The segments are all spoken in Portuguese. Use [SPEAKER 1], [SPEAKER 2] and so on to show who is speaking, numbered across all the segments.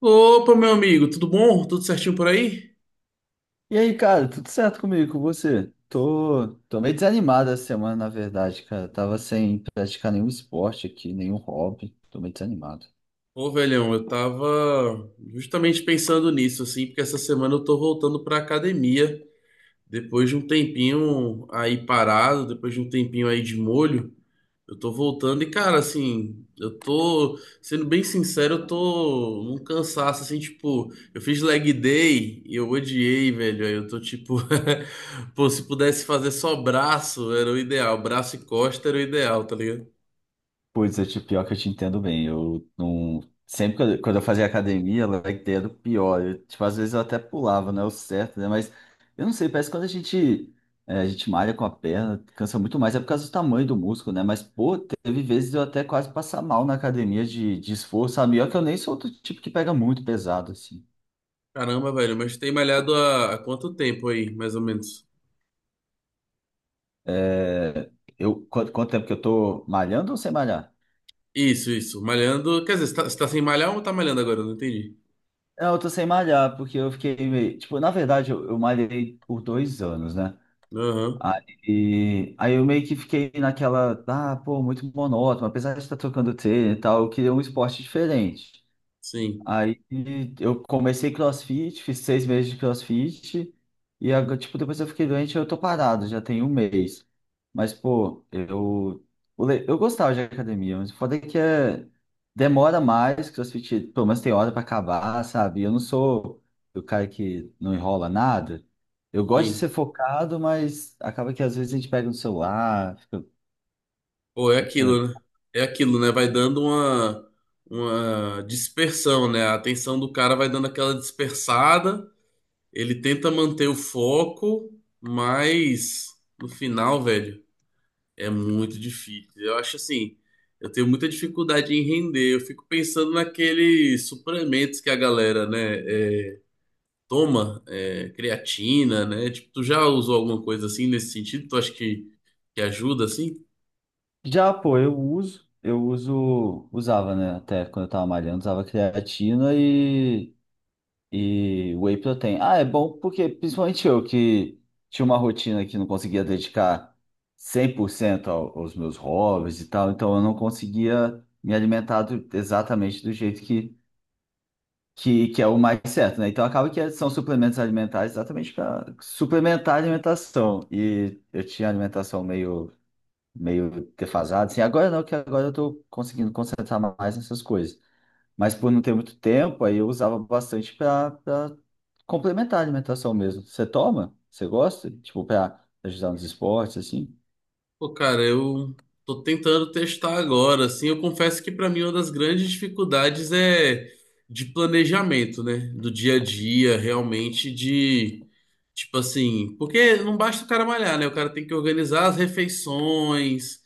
[SPEAKER 1] Opa, meu amigo, tudo bom? Tudo certinho por aí?
[SPEAKER 2] E aí, cara, tudo certo comigo, com você? Tô meio desanimado essa semana, na verdade, cara. Tava sem praticar nenhum esporte aqui, nenhum hobby. Tô meio desanimado.
[SPEAKER 1] Ô, velhão, eu tava justamente pensando nisso, assim, porque essa semana eu tô voltando pra academia. Depois de um tempinho aí parado, depois de um tempinho aí de molho, eu tô voltando e, cara, assim, eu tô, sendo bem sincero, eu tô num cansaço, assim, tipo, eu fiz leg day e eu odiei, velho. Aí eu tô tipo, pô, se pudesse fazer só braço, era o ideal, braço e costa era o ideal, tá ligado?
[SPEAKER 2] Pois é, tipo, pior que eu te entendo bem. Eu não. Sempre quando eu fazia academia, ela era a ideia do pior. Eu, tipo, às vezes eu até pulava, não é o certo, né? Mas eu não sei, parece que quando a gente malha com a perna, cansa muito mais, é por causa do tamanho do músculo, né? Mas, pô, teve vezes eu até quase passar mal na academia de esforço, sabe? E olha que eu nem sou do tipo que pega muito pesado, assim.
[SPEAKER 1] Caramba, velho, mas tem malhado há quanto tempo aí, mais ou menos?
[SPEAKER 2] É, quanto tempo que eu tô malhando ou sem malhar?
[SPEAKER 1] Isso, isso. Malhando. Quer dizer, você tá sem malhar ou tá malhando agora? Eu não entendi.
[SPEAKER 2] Não, eu tô sem malhar, porque eu fiquei meio. Tipo, na verdade, eu malhei por dois anos, né?
[SPEAKER 1] Aham.
[SPEAKER 2] Aí eu meio que fiquei naquela. Ah, pô, muito monótono, apesar de estar trocando treino e tal, eu queria um esporte diferente.
[SPEAKER 1] Sim,
[SPEAKER 2] Aí eu comecei CrossFit, fiz seis meses de CrossFit e agora, tipo, depois eu fiquei doente, eu tô parado, já tem um mês. Mas, pô, eu, eu gostava de academia, mas o foda é que é, demora mais, CrossFit pelo menos tem hora pra acabar, sabe? Eu não sou o cara que não enrola nada. Eu gosto de
[SPEAKER 1] sim.
[SPEAKER 2] ser focado, mas acaba que às vezes a gente pega no celular, fica,
[SPEAKER 1] Pô, é
[SPEAKER 2] fica
[SPEAKER 1] aquilo, né? É aquilo, né? Vai dando uma dispersão, né? A atenção do cara vai dando aquela dispersada. Ele tenta manter o foco, mas no final, velho. É muito difícil. Eu acho assim, eu tenho muita dificuldade em render. Eu fico pensando naqueles suplementos que a galera, né, é, toma, é, creatina, né? Tipo, tu já usou alguma coisa assim nesse sentido? Tu acha que ajuda assim?
[SPEAKER 2] Já, pô, eu usava, né, até quando eu tava malhando, usava creatina e whey protein. Ah, é bom porque, principalmente eu, que tinha uma rotina que não conseguia dedicar 100% aos meus hobbies e tal, então eu não conseguia me alimentar exatamente do jeito que é o mais certo, né? Então acaba que são suplementos alimentares exatamente para suplementar a alimentação. E eu tinha alimentação meio defasado, assim, agora não, que agora eu tô conseguindo concentrar mais nessas coisas. Mas por não ter muito tempo, aí eu usava bastante para complementar a alimentação mesmo. Você toma? Você gosta? Tipo, para ajudar nos esportes, assim?
[SPEAKER 1] Pô, cara, eu tô tentando testar agora, assim. Eu confesso que pra mim uma das grandes dificuldades é de planejamento, né? Do dia a dia, realmente de tipo assim, porque não basta o cara malhar, né? O cara tem que organizar as refeições,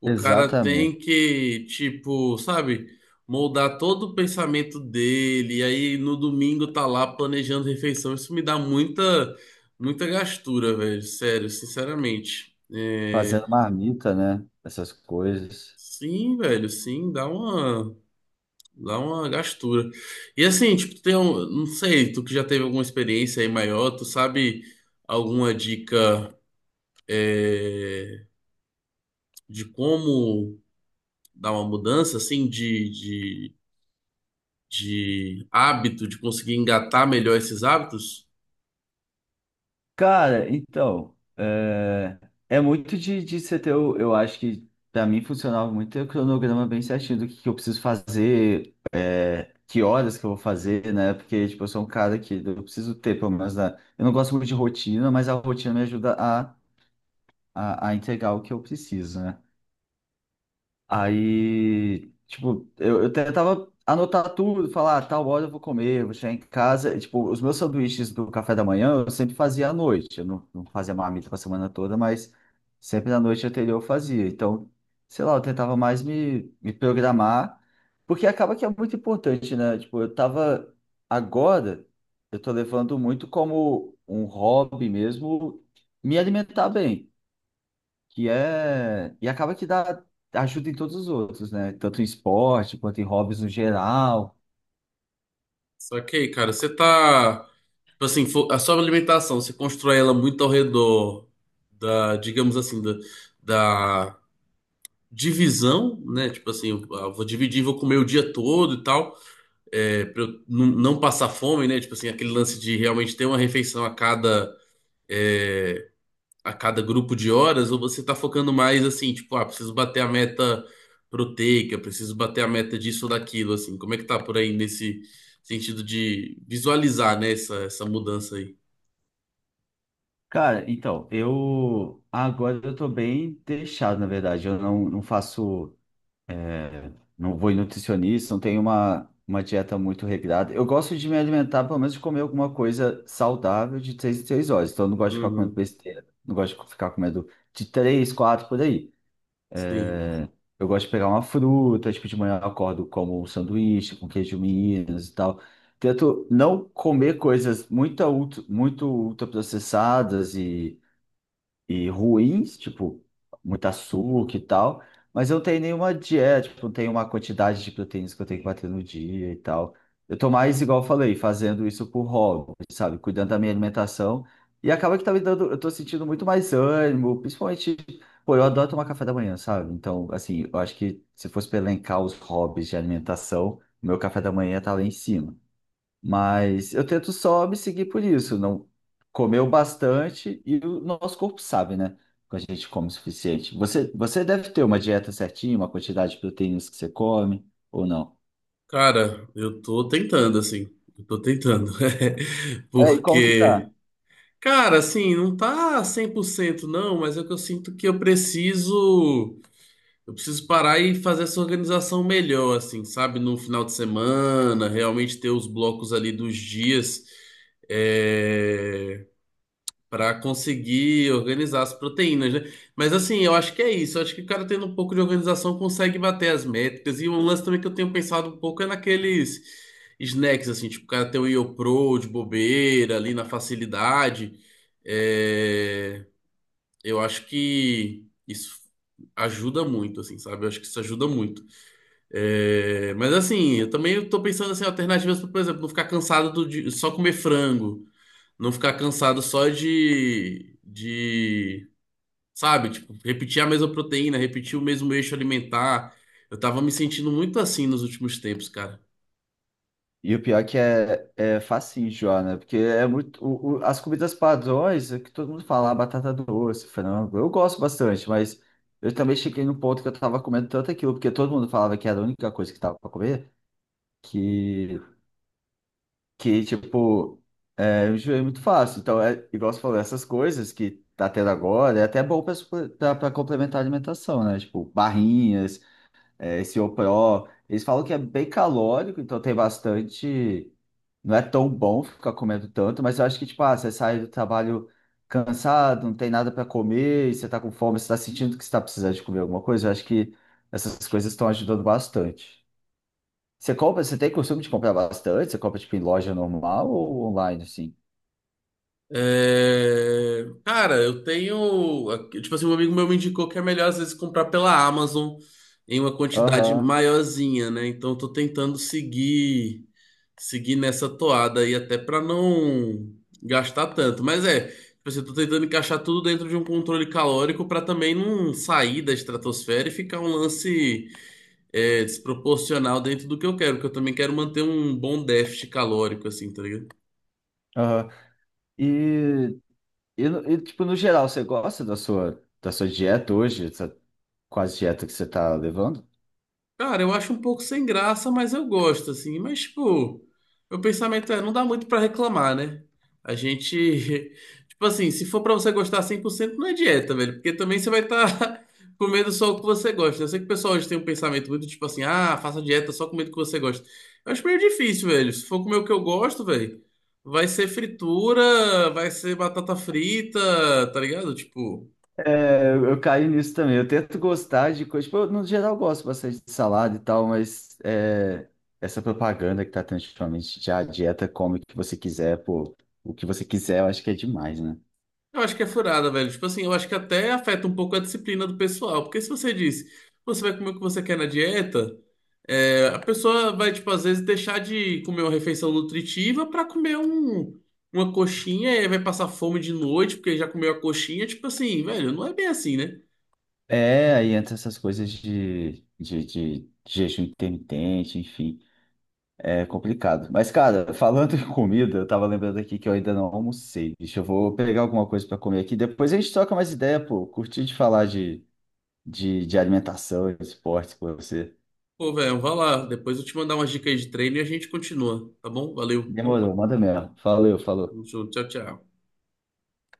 [SPEAKER 1] o cara tem
[SPEAKER 2] Exatamente.
[SPEAKER 1] que, tipo, sabe, moldar todo o pensamento dele, e aí no domingo tá lá planejando refeição. Isso me dá muita, muita gastura, velho, sério, sinceramente. É,
[SPEAKER 2] Fazendo marmita, né? Essas coisas.
[SPEAKER 1] sim, velho, sim, dá uma gastura. E assim, tipo, tem um, não sei, tu que já teve alguma experiência aí maior, tu sabe alguma dica? é, de como dar uma mudança assim de hábito, de conseguir engatar melhor esses hábitos.
[SPEAKER 2] Cara, então, é, é muito de você ter, eu acho que para mim funcionava muito ter o cronograma bem certinho do que eu preciso fazer, é, que horas que eu vou fazer, né? Porque, tipo, eu sou um cara que eu preciso ter, pelo menos, né? Eu não gosto muito de rotina, mas a rotina me ajuda a entregar o que eu preciso, né? Aí, tipo, eu tentava anotar tudo, falar, ah, tal hora eu vou comer, vou chegar em casa. E, tipo, os meus sanduíches do café da manhã eu sempre fazia à noite. Eu não fazia marmita pra semana toda, mas sempre na noite anterior eu fazia. Então, sei lá, eu tentava mais me programar, porque acaba que é muito importante, né? Tipo, eu tava agora, eu tô levando muito como um hobby mesmo me alimentar bem que é e acaba que dá ajuda em todos os outros, né? Tanto em esporte quanto em hobbies no geral.
[SPEAKER 1] Só que aí, cara, você tá. Tipo assim, a sua alimentação, você constrói ela muito ao redor da, digamos assim, da, da divisão, né? Tipo assim, eu ah, vou dividir, vou comer o dia todo e tal, é, pra eu não passar fome, né? Tipo assim, aquele lance de realmente ter uma refeição a cada. eh, a cada grupo de horas, ou você tá focando mais assim, tipo, ah, preciso bater a meta proteica, preciso bater a meta disso ou daquilo, assim. Como é que tá por aí nesse sentido de visualizar, né, essa mudança aí?
[SPEAKER 2] Cara, então, eu agora eu tô bem deixado, na verdade. Eu não faço, é, não vou em nutricionista, não tenho uma dieta muito regrada. Eu gosto de me alimentar, pelo menos de comer alguma coisa saudável de três em três horas. Então, eu não gosto de ficar comendo
[SPEAKER 1] Uhum,
[SPEAKER 2] besteira, não gosto de ficar comendo de três, quatro por aí.
[SPEAKER 1] sim.
[SPEAKER 2] Eu gosto de pegar uma fruta, tipo, de manhã eu acordo como um sanduíche com queijo Minas e tal. Tento não comer coisas muito, muito ultraprocessadas e ruins, tipo, muito açúcar e tal, mas eu não tenho nenhuma dieta, tipo, não tenho uma quantidade de proteínas que eu tenho que bater no dia e tal. Eu tô mais, igual eu falei, fazendo isso por hobby, sabe? Cuidando da minha alimentação. E acaba que tá me dando, eu tô sentindo muito mais ânimo, principalmente, pô, eu adoro tomar café da manhã, sabe? Então, assim, eu acho que se fosse pra elencar os hobbies de alimentação, o meu café da manhã tá lá em cima. Mas eu tento só me seguir por isso, não comeu bastante e o nosso corpo sabe, né? Quando a gente come o suficiente. Você deve ter uma dieta certinha, uma quantidade de proteínas que você come, ou não?
[SPEAKER 1] Cara, eu tô tentando, assim. Eu tô tentando.
[SPEAKER 2] É, e como que
[SPEAKER 1] Porque,
[SPEAKER 2] tá?
[SPEAKER 1] cara, assim, não tá 100% não, mas é que eu sinto que eu preciso. Eu preciso parar e fazer essa organização melhor, assim, sabe? No final de semana, realmente ter os blocos ali dos dias é... Para conseguir organizar as proteínas, né? Mas assim, eu acho que é isso. Eu acho que o cara tendo um pouco de organização consegue bater as métricas. E um lance também que eu tenho pensado um pouco é naqueles snacks, assim, tipo, o cara ter o YoPro de bobeira ali na facilidade. é, eu acho que isso ajuda muito, assim, sabe? Eu acho que isso ajuda muito. É, mas assim, eu também tô pensando assim, alternativas, pra, por exemplo, não ficar cansado de só comer frango, não ficar cansado só sabe, tipo, repetir a mesma proteína, repetir o mesmo eixo alimentar. Eu tava me sentindo muito assim nos últimos tempos, cara.
[SPEAKER 2] E o pior é que é, é facinho, Joana, porque é muito. As comidas padrões, é que todo mundo fala, ah, batata doce, frango. Eu gosto bastante, mas eu também cheguei num ponto que eu tava comendo tanto aquilo, porque todo mundo falava que era a única coisa que tava pra comer. que que, tipo, eu enjoei muito fácil. Então, é, igual você falou, essas coisas que tá tendo agora, é até bom pra pra complementar a alimentação, né? Tipo, barrinhas, é, esse Pro. Eles falam que é bem calórico, então tem bastante. Não é tão bom ficar comendo tanto, mas eu acho que, tipo, ah, você sai do trabalho cansado, não tem nada pra comer, e você tá com fome, você tá sentindo que você tá precisando de comer alguma coisa, eu acho que essas coisas estão ajudando bastante. Você compra, você tem costume de comprar bastante? Você compra tipo em loja normal ou online assim?
[SPEAKER 1] É, cara, eu tenho. Tipo assim, um amigo meu me indicou que é melhor às vezes comprar pela Amazon em uma quantidade
[SPEAKER 2] Aham,
[SPEAKER 1] maiorzinha, né? Então eu tô tentando seguir nessa toada aí até pra não gastar tanto. Mas é, tipo assim, eu tô tentando encaixar tudo dentro de um controle calórico pra também não sair da estratosfera e ficar um lance desproporcional dentro do que eu quero, porque eu também quero manter um bom déficit calórico, assim, tá ligado?
[SPEAKER 2] aham. E, e tipo no geral, você gosta da sua dieta hoje, essa quase dieta que você tá levando?
[SPEAKER 1] Cara, eu acho um pouco sem graça, mas eu gosto, assim. Mas, tipo, meu pensamento é, não dá muito pra reclamar, né? A gente, tipo assim, se for pra você gostar 100%, não é dieta, velho. Porque também você vai estar comendo só o que você gosta. Eu sei que o pessoal hoje tem um pensamento muito, tipo assim, ah, faça dieta só comendo o que você gosta. Eu acho meio difícil, velho. Se for comer o que eu gosto, velho, vai ser fritura, vai ser batata frita, tá ligado? Tipo...
[SPEAKER 2] É, eu caí nisso também. Eu tento gostar de coisa. Tipo, eu, no geral, eu gosto bastante de salada e tal, mas é, essa propaganda que tá tendo ultimamente de a dieta come o que você quiser, pô, o que você quiser, eu acho que é demais, né?
[SPEAKER 1] Eu acho que é furada, velho. Tipo assim, eu acho que até afeta um pouco a disciplina do pessoal. Porque se você diz, você vai comer o que você quer na dieta, é, a pessoa vai, tipo, às vezes deixar de comer uma refeição nutritiva pra comer um, uma coxinha e aí vai passar fome de noite porque já comeu a coxinha. Tipo assim, velho, não é bem assim, né?
[SPEAKER 2] É, aí entra essas coisas de jejum intermitente, enfim, é complicado. Mas, cara, falando em comida, eu tava lembrando aqui que eu ainda não almocei. Deixa eu vou pegar alguma coisa pra comer aqui. Depois a gente troca mais ideia, pô. Curti de falar de alimentação, esporte com você.
[SPEAKER 1] Pô, velho, vai lá. Depois eu te mandar umas dicas aí de treino e a gente continua, tá bom? Valeu.
[SPEAKER 2] Demorou, manda mesmo. Valeu, falou.
[SPEAKER 1] Tamo junto. Tchau, tchau.